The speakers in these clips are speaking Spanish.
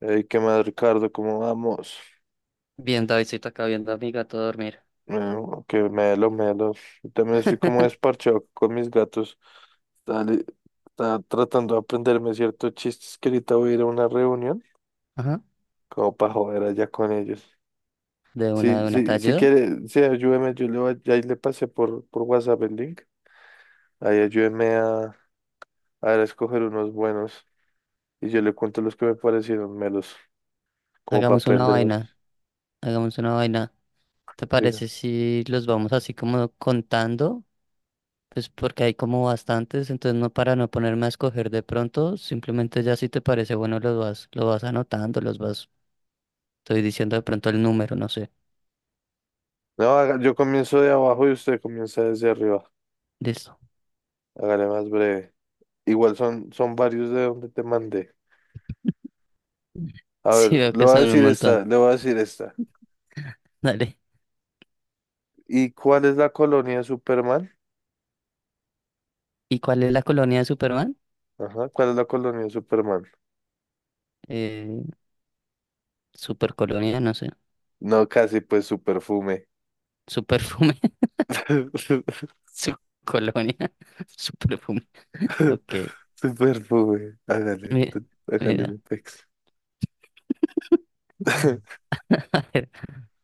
Ey, ¿qué más, Ricardo? ¿Cómo vamos? Bien, Davidcito, acá viendo a mi gato dormir. Eh, que melo, melo. Yo también estoy como desparchado con mis gatos. Está, li- Está tratando de aprenderme ciertos chistes que ahorita voy a ir a una reunión, Ajá. como para joder allá con ellos. Sí, De una, ¿te sí, si ayudo? quiere, sí, ayúdeme, ahí le pasé por WhatsApp el link. Ahí ayúdeme a escoger unos buenos y yo le cuento los que me parecieron melos, como para Hagamos una vaina, aprendérmelos. hagamos una vaina. ¿Te parece Diga. si los vamos así como contando? Pues porque hay como bastantes, entonces para no ponerme a escoger de pronto, simplemente ya si te parece bueno los vas, lo vas anotando, los vas, estoy diciendo de pronto el número, no sé. No, yo comienzo de abajo y usted comienza desde arriba. Listo. Hágale más breve. Igual son varios de donde te mandé. A Sí, ver, veo que son un montón. Le voy a decir esta. Dale. ¿Y cuál es la colonia de Superman? ¿Y cuál es la colonia de Superman? Ajá, ¿cuál es la colonia de Superman? Eh, supercolonia, no sé. No, casi pues su perfume. Superfume. Su colonia, su perfume. Ok, Su perfume. Hágale, mira, hágale mira, mi pex. a ver,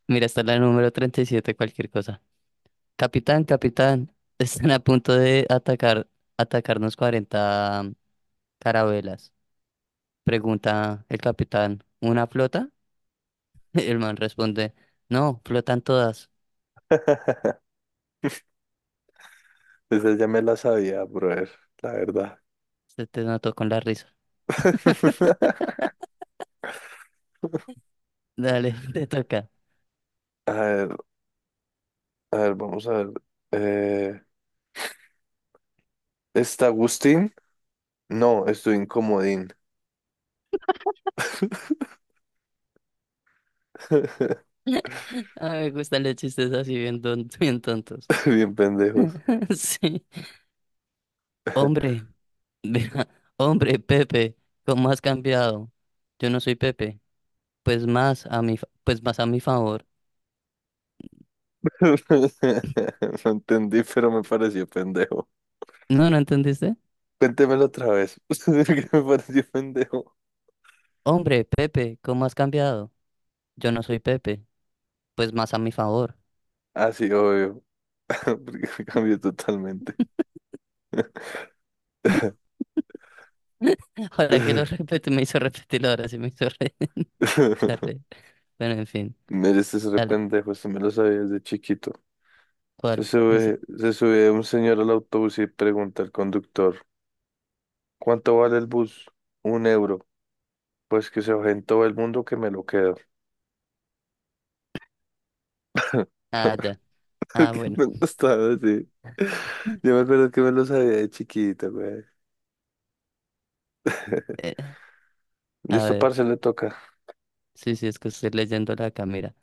mira, está la número 37, cualquier cosa. Capitán, capitán, están a punto de atacarnos 40 carabelas. Pregunta el capitán, ¿una flota? El man responde, no, flotan todas. Esa ya me la sabía, brother, la verdad. Se te notó con la risa. Dale, te toca. A ver, a ver, vamos a ver. Eh, ¿Está Agustín? No, estoy incomodín. Ah, me gustan los chistes así bien, bien tontos. Bien pendejos. Sí. Hombre, mira, hombre, Pepe, ¿cómo has cambiado? Yo no soy Pepe, pues más a mi favor. No entendí, pero me pareció pendejo. ¿No, no entendiste? Cuéntemelo otra vez. ¿Por ¿Qué me pareció pendejo? Hombre, Pepe, ¿cómo has cambiado? Yo no soy Pepe, pues más a mi favor. Ah, sí, obvio. Porque me cambió totalmente. Ahora que lo repito, me hizo repetirlo, ahora sí me hizo dar. Bueno, en fin, Mire, este es re dale, pendejo. Este me lo sabía desde chiquito. Se ¿cuál? Es. sube, se sube un señor al autobús y pregunta al conductor: ¿Cuánto vale el bus? Un euro. Pues que se baje en todo el mundo que me lo quedo. Ah, ya. Qué Ah, bueno. pendejo estaba así. Yo me acuerdo que me lo sabía de chiquito, güey. Eh, a Listo, ver, parce, le toca. sí, sí, es que estoy leyendo la cámara.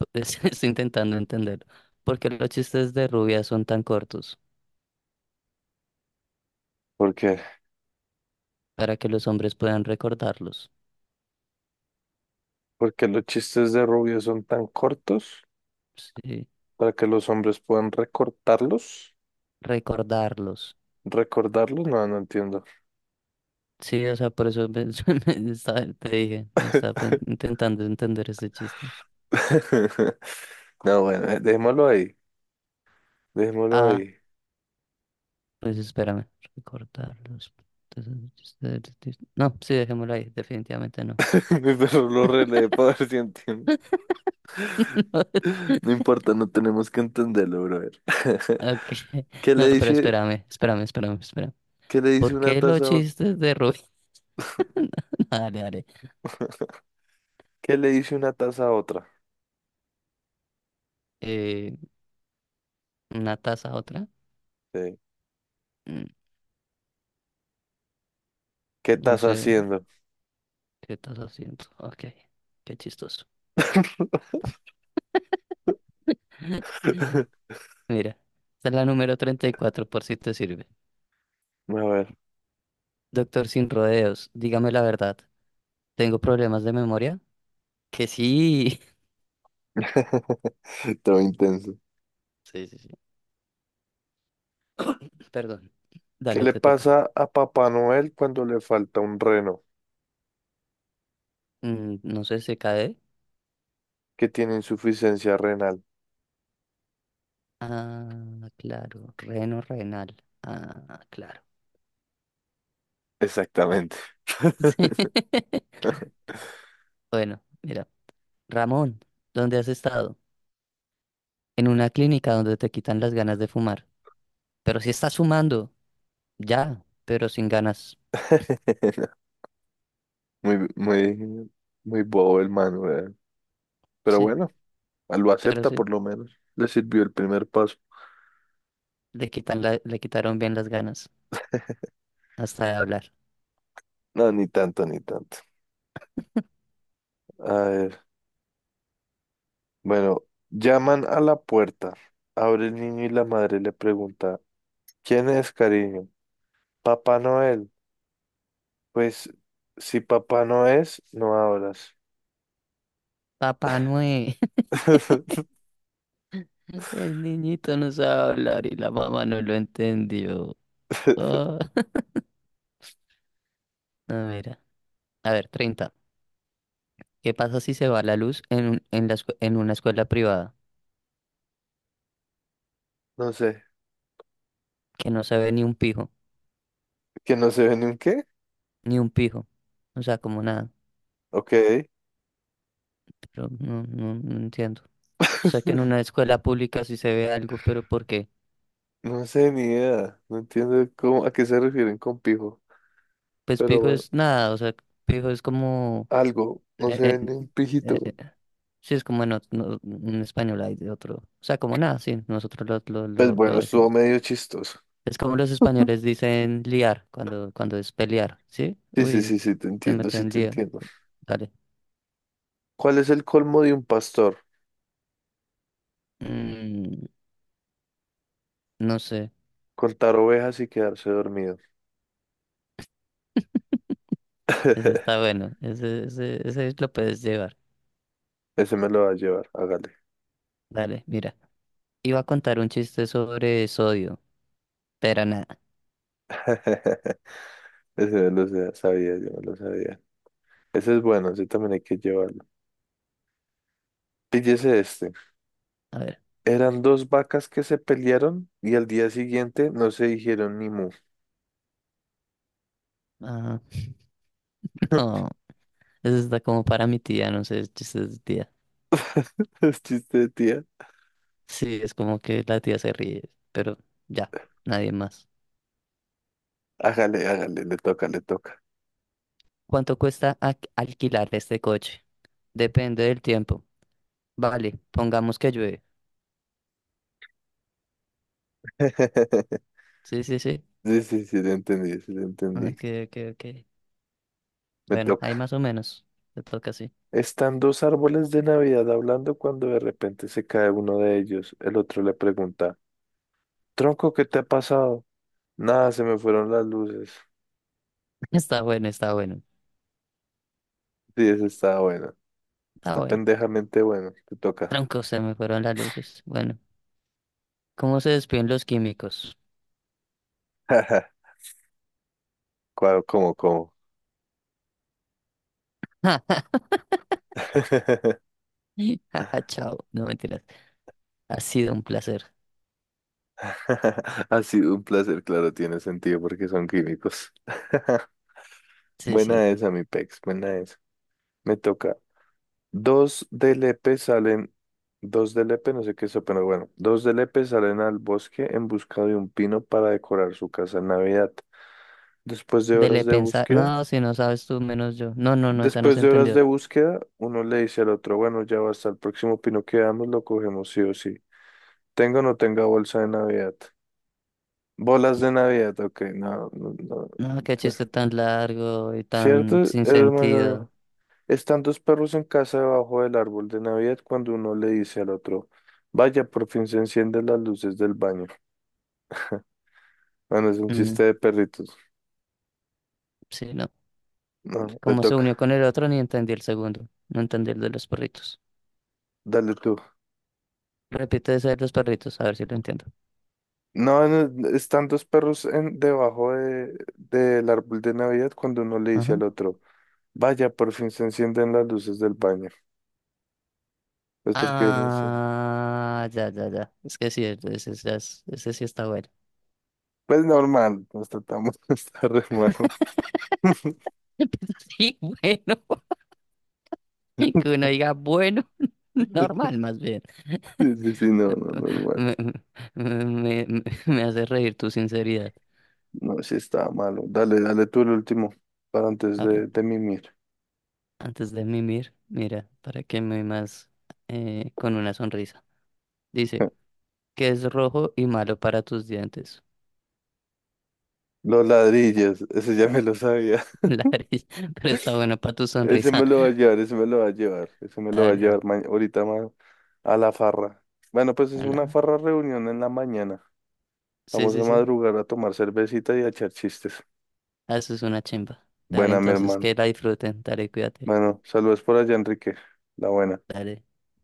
Estoy intentando entenderlo. ¿Por qué los chistes de rubia son tan cortos? ¿Por qué? Para que los hombres puedan recordarlos. Porque los chistes de Rubio son tan cortos Sí, para que los hombres puedan recortarlos. recordarlos. ¿Recordarlos? No, no entiendo. Sí, o sea, por eso te dije, me estaba intentando entender ese chiste. No, bueno, dejémoslo ahí. Dejémoslo Ah, ahí. pues espérame, recordarlos. Entonces, no, sí, dejémoslo ahí, definitivamente no. Mi perro lo relee para ver si entiende. No, No importa, no tenemos que entenderlo, brother. ok, ¿Qué le no, pero dice, espérame, espérame, espérame, espérame. ¿Qué le dice ¿Por una qué los taza a otra? chistes de Rubén? Dale, dale. ¿Qué le dice una taza a otra? Eh, ¿Una taza a otra? Sí. Mm, ¿Qué No estás sé. haciendo? ¿Qué estás haciendo? Ok, qué chistoso. A Mira, esta es la número 34 por si te sirve. ver. Doctor sin rodeos, dígame la verdad. ¿Tengo problemas de memoria? Que sí. Todo intenso. Sí, sí, sí. Perdón. ¿Qué Dale, le te toca. pasa a Papá Noel cuando le falta un reno? No sé, se cae. Que tiene insuficiencia renal. Ah, claro. Reno renal. Ah, claro. Exactamente. Sí. Bueno, mira. Ramón, ¿dónde has estado? En una clínica donde te quitan las ganas de fumar. Pero si estás fumando. Ya, pero sin ganas. Muy, muy, muy bobo el man, weón. Pero Sí, bueno, lo pero acepta sí. por lo menos. Le sirvió el primer paso. Le quitan le quitaron bien las ganas hasta de hablar. No, ni tanto, ni tanto. A ver, bueno, llaman a la puerta. Abre el niño y la madre le pregunta, ¿quién es, cariño? Papá Noel. Pues, si papá no es, no abras. Papá Noé, el niñito no sabe hablar y la mamá no lo entendió. Ah, no, mira. A ver, 30. ¿Qué pasa si se va la luz en, en, en una escuela privada? No sé. Que no se ve ni un pijo, ¿Que no se ve ni un qué? ni un pijo. O sea, como nada. Ok, Pero no, no, no entiendo. O sea, que en una escuela pública sí se ve algo, pero ¿por qué? no sé ni idea. No entiendo cómo, a qué se refieren con pijo. Pues Pero pijo bueno, es nada, o sea, pijo es como. algo, no eh, se ve eh, ni un eh, pijito. Sí, es como en, en español hay de otro. O sea, como nada, sí, nosotros lo, lo, Pues lo, lo bueno, estuvo decimos. medio chistoso. Es como los españoles dicen liar cuando es pelear, ¿sí? Sí, sí, Uy, sí, sí, te se entiendo, sí, meten en te lío. entiendo. Dale. ¿Cuál es el colmo de un pastor? Mm, no sé, Contar ovejas y quedarse dormido. ese está bueno. Ese lo puedes llevar. Ese me lo va a llevar, hágale. Dale, mira. Iba a contar un chiste sobre sodio, pero nada. Ese me lo sabía, yo me lo sabía. Ese es bueno, ese también hay que llevarlo. Píllese este. A ver. Eran dos vacas que se pelearon y al día siguiente no se dijeron ni mu. Ah, no. Ese está como para mi tía, no sé, chistes de tía. Es chiste de tía. Sí, es como que la tía se ríe, pero ya, nadie más. Hágale, hágale, le toca, le toca. ¿Cuánto cuesta alquilar este coche? Depende del tiempo. Vale, pongamos que llueve. Sí, sí, sí. Sí, sí, sí, te entendí, sí, te Ah, entendí. ok, ok, ok. Me Bueno, ahí toca. más o menos. Te toca así. Están dos árboles de Navidad hablando cuando de repente se cae uno de ellos. El otro le pregunta, tronco, ¿qué te ha pasado? Nada, se me fueron las luces. Está bueno, está bueno. Sí, ese está bueno. Está Está bueno. pendejamente bueno. Te toca. Tronco, se me fueron las luces. Bueno, ¿cómo se despiden los químicos? ¿Cómo, cómo? Jaja, chao. No mentiras. Ha sido un placer. Ha sido un placer, claro, tiene sentido porque son químicos. Sí, sí. Buena esa, mi pex, buena esa. Me toca. Dos de Lepe salen, dos de Lepe, no sé qué es eso, pero bueno, dos de Lepe salen al bosque en busca de un pino para decorar su casa en Navidad. Después de Dele horas de pensar. búsqueda, No, si no sabes tú, menos yo. No, no, no, esa no se entendió. Uno le dice al otro, bueno, ya hasta el próximo pino que veamos, lo cogemos sí o sí. Tenga o no tenga bolsa de Navidad. Bolas de Navidad, ok, no, no, no. No, qué chiste tan largo y tan ¿Cierto? sin Es más sentido. largo. Están dos perros en casa debajo del árbol de Navidad cuando uno le dice al otro, vaya, por fin se encienden las luces del baño. Bueno, es un chiste Mm, de perritos. sí, no. No, le Como se unió con toca. el otro, ni entendí el segundo. No entendí el de los perritos. Dale tú. Repite ese de los perritos, a ver si lo entiendo. No, no, están dos perros debajo del árbol de Navidad cuando uno le dice al Ajá. otro, vaya, por fin se encienden las luces del baño. Pues porque, no sé. Ah, ya, ya, ya. Es que sí, ese, ese sí está bueno. Pues normal, nos tratamos, está re malo. Sí, bueno. Que uno diga bueno, normal más bien. Sí, sí, sí, no, no, normal. Me, me hace reír tu sinceridad. No, sí está malo. Dale, dale tú el último para antes A ver, de mimir. antes de mimir, mira, para que me más con una sonrisa. Dice, que es rojo y malo para tus dientes. Los ladrillos, ese ya me lo sabía. La nariz, pero está bueno para tu Ese sonrisa. me lo va a llevar, ese me lo va a llevar, ese me lo A va a ver, llevar ahorita a la farra. Bueno, pues es una ala. farra reunión en la mañana. Sí, Vamos sí, a sí. madrugar a tomar cervecita y a echar chistes. Ah, eso es una chimba. Dale, Buena, mi entonces hermano. que la disfruten. Dale, cuídate. Bueno, saludos por allá, Enrique. La buena. Dale.